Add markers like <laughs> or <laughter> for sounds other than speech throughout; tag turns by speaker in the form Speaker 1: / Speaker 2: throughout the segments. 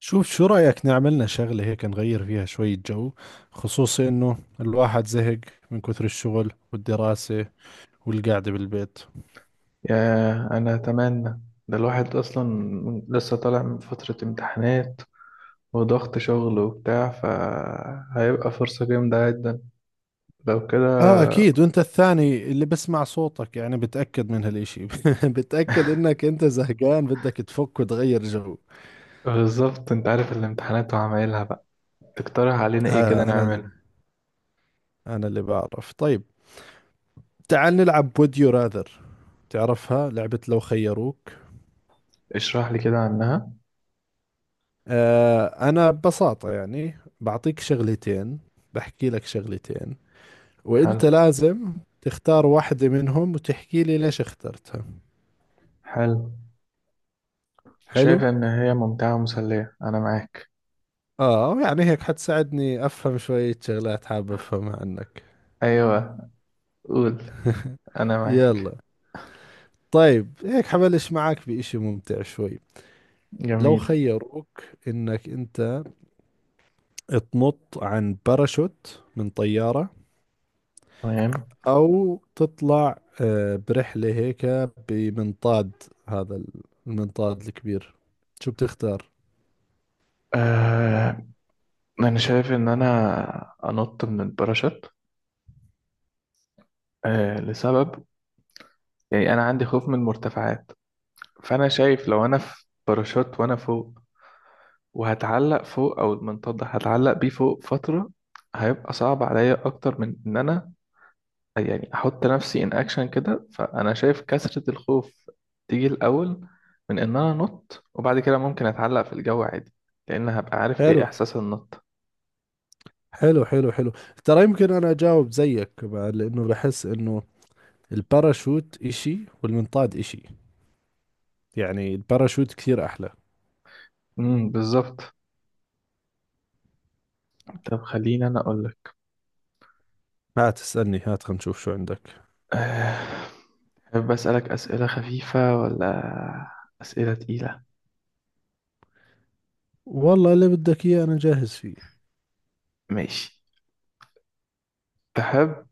Speaker 1: شوف، شو رأيك نعملنا شغلة هيك نغير فيها شوية جو؟ خصوصي إنه الواحد زهق من كثر الشغل والدراسة والقعدة بالبيت.
Speaker 2: ياه، أنا أتمنى. ده الواحد أصلا لسه طالع من فترة امتحانات وضغط شغل وبتاع، فهيبقى فرصة جامدة جدا لو كده.
Speaker 1: آه أكيد، وأنت الثاني اللي بسمع صوتك يعني بتأكد من هالإشي <laughs> بتأكد إنك أنت زهقان بدك تفك وتغير جو.
Speaker 2: بالظبط، أنت عارف الامتحانات وعمايلها بقى. تقترح علينا إيه كده
Speaker 1: آه أنا ال-
Speaker 2: نعمله؟
Speaker 1: أنا اللي بعرف. طيب، تعال نلعب Would You Rather، تعرفها لعبة لو خيروك.
Speaker 2: اشرح لي كده عنها.
Speaker 1: آه أنا ببساطة يعني بعطيك شغلتين، بحكي لك شغلتين، وانت
Speaker 2: حلو.
Speaker 1: لازم تختار واحدة منهم وتحكي لي ليش اخترتها.
Speaker 2: حلو.
Speaker 1: حلو،
Speaker 2: شايف إن هي ممتعة ومسلية، أنا معاك.
Speaker 1: اه يعني هيك حتساعدني افهم شوية شغلات حابب افهمها عنك.
Speaker 2: أيوة، قول، أنا معاك.
Speaker 1: يلا، طيب هيك حبلش معك بإشي ممتع شوي. لو
Speaker 2: جميل.
Speaker 1: خيروك انك انت تنط عن باراشوت من طيارة،
Speaker 2: تمام.
Speaker 1: او تطلع برحلة هيك بمنطاد، هذا المنطاد الكبير، شو بتختار؟
Speaker 2: آه، أنا شايف إن أنا أنط من الباراشوت. آه، لسبب، يعني انا عندي خوف من المرتفعات. فانا شايف لو انا في باراشوت وانا فوق وهتعلق فوق او المنطاد ده هتعلق بيه فوق فترة، هيبقى صعب عليا اكتر من ان انا يعني احط نفسي ان اكشن كده. فانا شايف كثرة الخوف تيجي الاول من ان انا انط، وبعد كده ممكن اتعلق في الجو عادي، لان هبقى عارف ايه
Speaker 1: حلو
Speaker 2: احساس النط.
Speaker 1: حلو حلو حلو، ترى يمكن انا اجاوب زيك بعد لانه بحس انه الباراشوت اشي والمنطاد اشي، يعني الباراشوت كثير احلى.
Speaker 2: بالظبط. طب خليني انا اقول لك.
Speaker 1: هات اسألني، هات خلينا نشوف شو عندك.
Speaker 2: أه... بسألك أسئلة خفيفة ولا أسئلة تقيلة؟
Speaker 1: والله اللي بدك اياه انا جاهز فيه.
Speaker 2: ماشي. تحب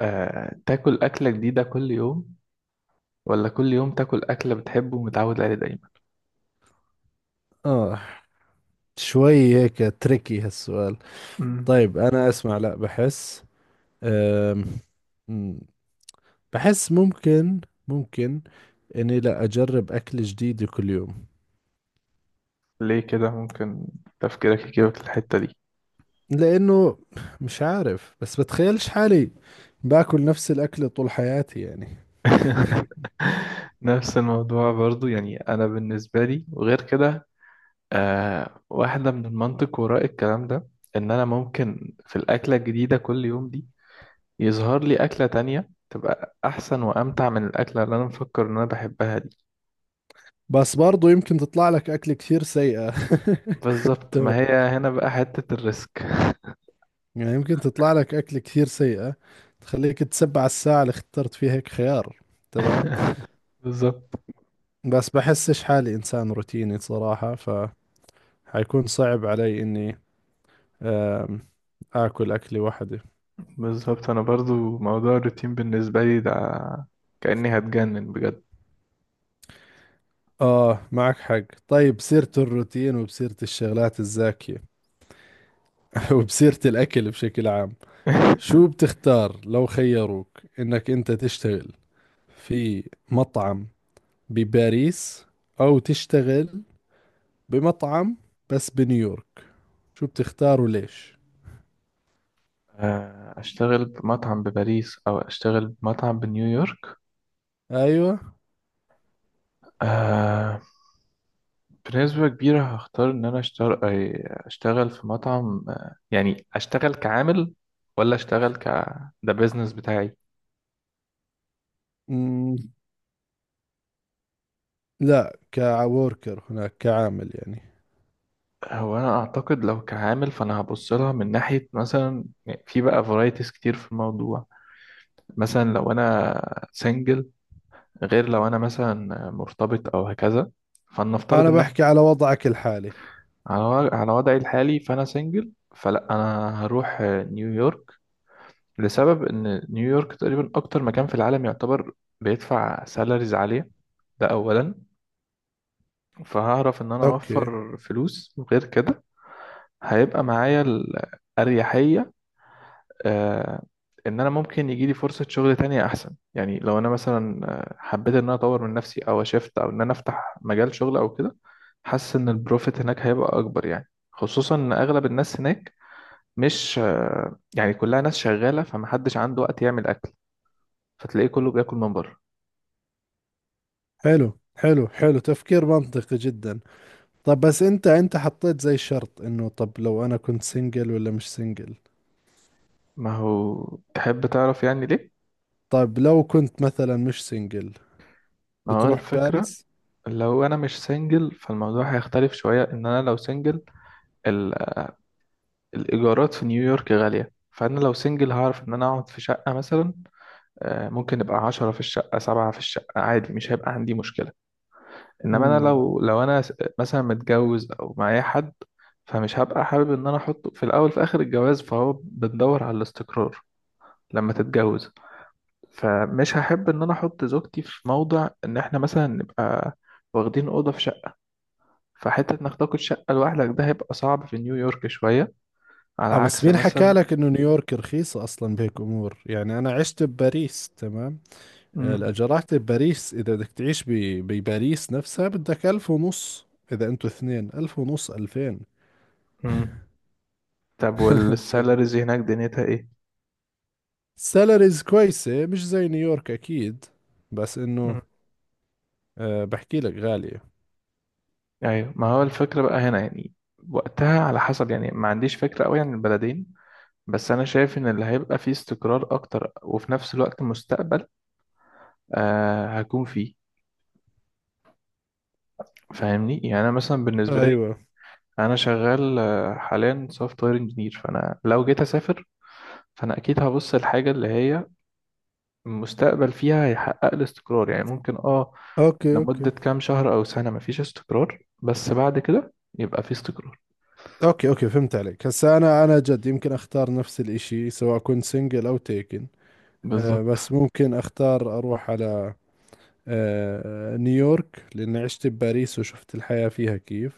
Speaker 2: تاكل أكلة جديدة كل يوم، ولا كل يوم تاكل أكلة بتحبه ومتعود عليه دايما؟
Speaker 1: اه، شوي هيك تريكي هالسؤال.
Speaker 2: مم.
Speaker 1: طيب انا اسمع، لا بحس أم... مم، بحس ممكن، ممكن اني لا اجرب اكل جديد كل يوم.
Speaker 2: ليه كده ممكن تفكيرك يجيبك الحتة دي؟
Speaker 1: لأنه مش عارف، بس بتخيلش حالي باكل نفس الأكل طول حياتي يعني.
Speaker 2: <laughs> نفس الموضوع برضو، يعني أنا بالنسبة لي وغير كده. واحدة من المنطق وراء الكلام ده، إن أنا ممكن في الأكلة الجديدة كل يوم دي، يظهر لي أكلة تانية تبقى أحسن وأمتع من الأكلة اللي أنا مفكر إن أنا بحبها دي.
Speaker 1: بس برضو يمكن تطلع لك أكل كثير سيئة. <laughs>
Speaker 2: بالظبط، ما هي
Speaker 1: تمام
Speaker 2: هنا بقى حتة الريسك.
Speaker 1: يعني، يمكن تطلع لك أكل كثير سيئة تخليك تسبع الساعة اللي اخترت فيها هيك خيار. تمام.
Speaker 2: <laughs> بالظبط.
Speaker 1: بس بحسش حالي إنسان روتيني صراحة، فحيكون صعب علي إني آم، آكل أكلي وحدي.
Speaker 2: بالظبط، انا برضو موضوع الروتين بالنسبه لي ده كاني هتجنن بجد.
Speaker 1: آه معك حق، طيب سيرة الروتين وبسيرة الشغلات الزاكية <laughs> وبسيرة الأكل بشكل عام. شو
Speaker 2: <laughs>
Speaker 1: بتختار لو خيروك انك انت تشتغل في مطعم بباريس، او تشتغل بمطعم بس بنيويورك؟ شو بتختار وليش؟
Speaker 2: اشتغل بمطعم بباريس او اشتغل بمطعم بنيويورك؟
Speaker 1: ايوه.
Speaker 2: آه، بنسبه كبيره هختار ان انا اشتغل في مطعم، يعني اشتغل كعامل، ولا اشتغل ده بيزنس بتاعي.
Speaker 1: مم. لا كوركر هناك، كعامل يعني.
Speaker 2: هو انا اعتقد لو كعامل، فانا هبص لها من ناحيه، مثلا يعني في بقى فرايتيز كتير في الموضوع. مثلا لو انا سنجل، غير لو انا مثلا مرتبط او هكذا. فلنفترض
Speaker 1: انا
Speaker 2: ان
Speaker 1: بحكي
Speaker 2: احنا
Speaker 1: على وضعك الحالي.
Speaker 2: على وضعي الحالي، فانا سنجل فلا انا هروح نيويورك. لسبب ان نيويورك تقريبا اكتر مكان في العالم يعتبر بيدفع سالاريز عالية، ده اولا. فهعرف ان انا
Speaker 1: اوكي.
Speaker 2: اوفر فلوس وغير كده. هيبقى معايا الاريحية، آه، ان انا ممكن يجي لي فرصه شغل تانية احسن، يعني لو انا مثلا حبيت ان انا اطور من نفسي او اشفت او ان انا افتح مجال شغل او كده. حاسس ان البروفيت هناك هيبقى اكبر، يعني خصوصا ان اغلب الناس هناك مش يعني كلها ناس شغاله، فمحدش عنده وقت يعمل اكل، فتلاقيه كله بياكل من بره.
Speaker 1: حلو حلو حلو، تفكير منطقي جدا. طب بس انت حطيت زي شرط انه، طب لو انا كنت سنجل ولا مش سنجل.
Speaker 2: ما هو تحب تعرف يعني ليه.
Speaker 1: طب لو كنت مثلا مش سنجل،
Speaker 2: ما هو
Speaker 1: بتروح
Speaker 2: الفكره،
Speaker 1: باريس؟
Speaker 2: لو انا مش سنجل فالموضوع هيختلف شويه ان انا لو سنجل. الإيجارات في نيويورك غالية، فأنا لو سنجل هعرف إن أنا أقعد في شقة مثلا. ممكن يبقى 10 في الشقة سبعة في الشقة عادي، مش هيبقى عندي مشكلة. إنما أنا
Speaker 1: مم.
Speaker 2: لو مثلا متجوز أو معايا حد، فمش هبقى حابب إن أنا أحطه في الأول في آخر الجواز، فهو بندور على الاستقرار لما تتجوز. فمش هحب إن أنا أحط زوجتي في موضع إن إحنا مثلا نبقى واخدين أوضة في شقة. فحتة إنك تاخد شقة لوحدك ده هيبقى صعب في نيويورك شوية، على
Speaker 1: اه بس
Speaker 2: عكس
Speaker 1: مين حكى
Speaker 2: مثلا.
Speaker 1: لك انه نيويورك رخيصة اصلا بهيك امور؟ يعني انا عشت بباريس، تمام.
Speaker 2: مم.
Speaker 1: الاجارات بباريس اذا بدك تعيش بباريس نفسها بدك 1500، اذا انتوا اثنين 1500 2000.
Speaker 2: مم. طب،
Speaker 1: <laughs>
Speaker 2: والسالاريز هناك دنيتها ايه؟
Speaker 1: سالاريز كويسة مش زي نيويورك اكيد، بس انه
Speaker 2: مم.
Speaker 1: بحكي لك غالية.
Speaker 2: ايوه، ما هو الفكرة بقى هنا يعني. وقتها على حسب، يعني ما عنديش فكرة قوي عن البلدين. بس انا شايف ان اللي هيبقى فيه استقرار اكتر وفي نفس الوقت مستقبل هكون فيه، فاهمني؟ يعني انا مثلا بالنسبة لي،
Speaker 1: ايوه.
Speaker 2: انا شغال حاليا سوفت وير انجينير، فانا لو جيت اسافر، فانا اكيد هبص الحاجة اللي هي المستقبل فيها هيحقق لي استقرار، يعني ممكن
Speaker 1: اوكي
Speaker 2: لمدة
Speaker 1: اوكي.
Speaker 2: كام شهر او سنة مفيش استقرار، بس بعد كده يبقى فيه استقرار.
Speaker 1: اوكي اوكي، فهمت عليك. هسا انا جد يمكن اختار نفس الاشي سواء كنت سنجل او تيكن. أه
Speaker 2: بالظبط.
Speaker 1: بس ممكن اختار اروح على نيويورك لأني عشت بباريس وشفت الحياة فيها كيف،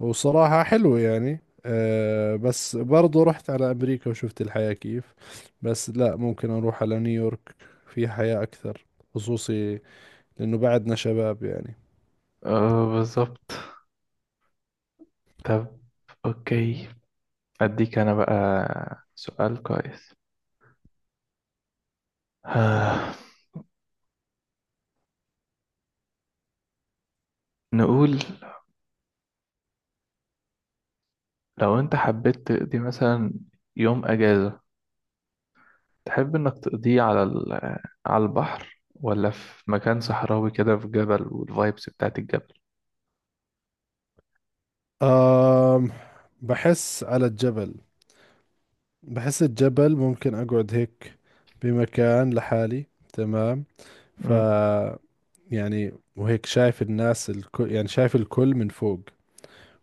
Speaker 1: وصراحة حلوة يعني. بس برضو رحت على أمريكا وشفت الحياة كيف، بس لا ممكن أروح على نيويورك، في حياة أكثر، خصوصي لأنه بعدنا شباب يعني.
Speaker 2: بالظبط. طب. أوكي. أديك أنا بقى سؤال كويس. آه. نقول لو أنت حبيت تقضي مثلا يوم أجازة، تحب إنك تقضيه على البحر، ولا في مكان صحراوي كده في جبل والفايبس بتاعت الجبل؟
Speaker 1: آم، بحس على الجبل، بحس الجبل ممكن أقعد هيك بمكان لحالي. تمام ف
Speaker 2: مم.
Speaker 1: يعني، وهيك شايف الناس الكل، يعني شايف الكل من فوق.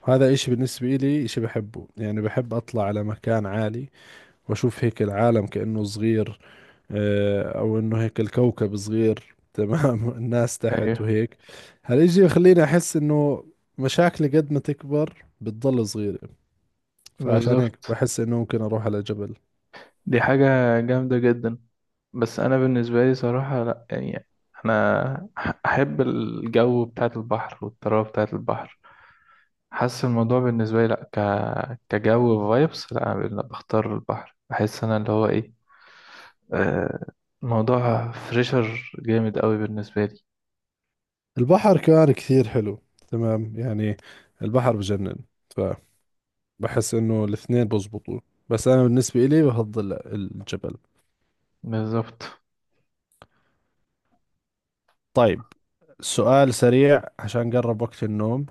Speaker 1: هذا إشي بالنسبة إلي إشي بحبه، يعني بحب أطلع على مكان عالي وأشوف هيك العالم كأنه صغير، أو إنه هيك الكوكب صغير تمام <laughs> الناس تحت
Speaker 2: أيوه
Speaker 1: وهيك. هالإشي يخليني أحس إنه مشاكلي قد ما تكبر بتضل صغيرة، فعشان هيك
Speaker 2: بالظبط،
Speaker 1: بحس إنه ممكن أروح على جبل.
Speaker 2: دي حاجة جامدة جدا. بس أنا بالنسبة لي صراحة لأ يعني، أنا أحب الجو بتاعت البحر والطراوة بتاعت البحر. حاسس الموضوع بالنسبة لي لأ، كجو فايبس لأ، أنا بختار البحر، بحس أنا اللي هو إيه. آه موضوع فريشر جامد قوي بالنسبة لي.
Speaker 1: البحر كمان كثير حلو، تمام يعني، البحر بجنن، فبحس إنه الاثنين بزبطوا، بس أنا بالنسبة إلي بفضل الجبل.
Speaker 2: بالظبط.
Speaker 1: طيب، سؤال سريع عشان قرب وقت النوم.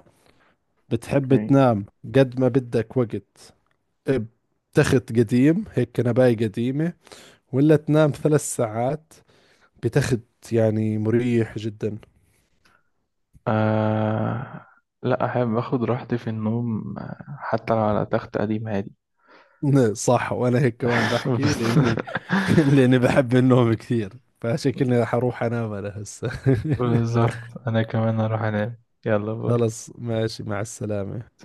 Speaker 1: بتحب
Speaker 2: اوكي.
Speaker 1: تنام قد ما بدك وقت بتخت قديم هيك، كنباية قديمة، ولا تنام 3 ساعات بتخت يعني مريح جدا؟
Speaker 2: آه... لأ، أحب أخد راحتي في النوم، حتى لو على تخت قديم عادي.
Speaker 1: <laughs> صح، وانا هيك كمان
Speaker 2: <laughs>
Speaker 1: بحكي
Speaker 2: بس-
Speaker 1: لاني <laughs> لاني بحب النوم كثير، فشكلني رح اروح انام انا هسه.
Speaker 2: بالظبط أنا كمان أروح أنام. يلا،
Speaker 1: <laughs>
Speaker 2: باي.
Speaker 1: خلص، ماشي، مع السلامة.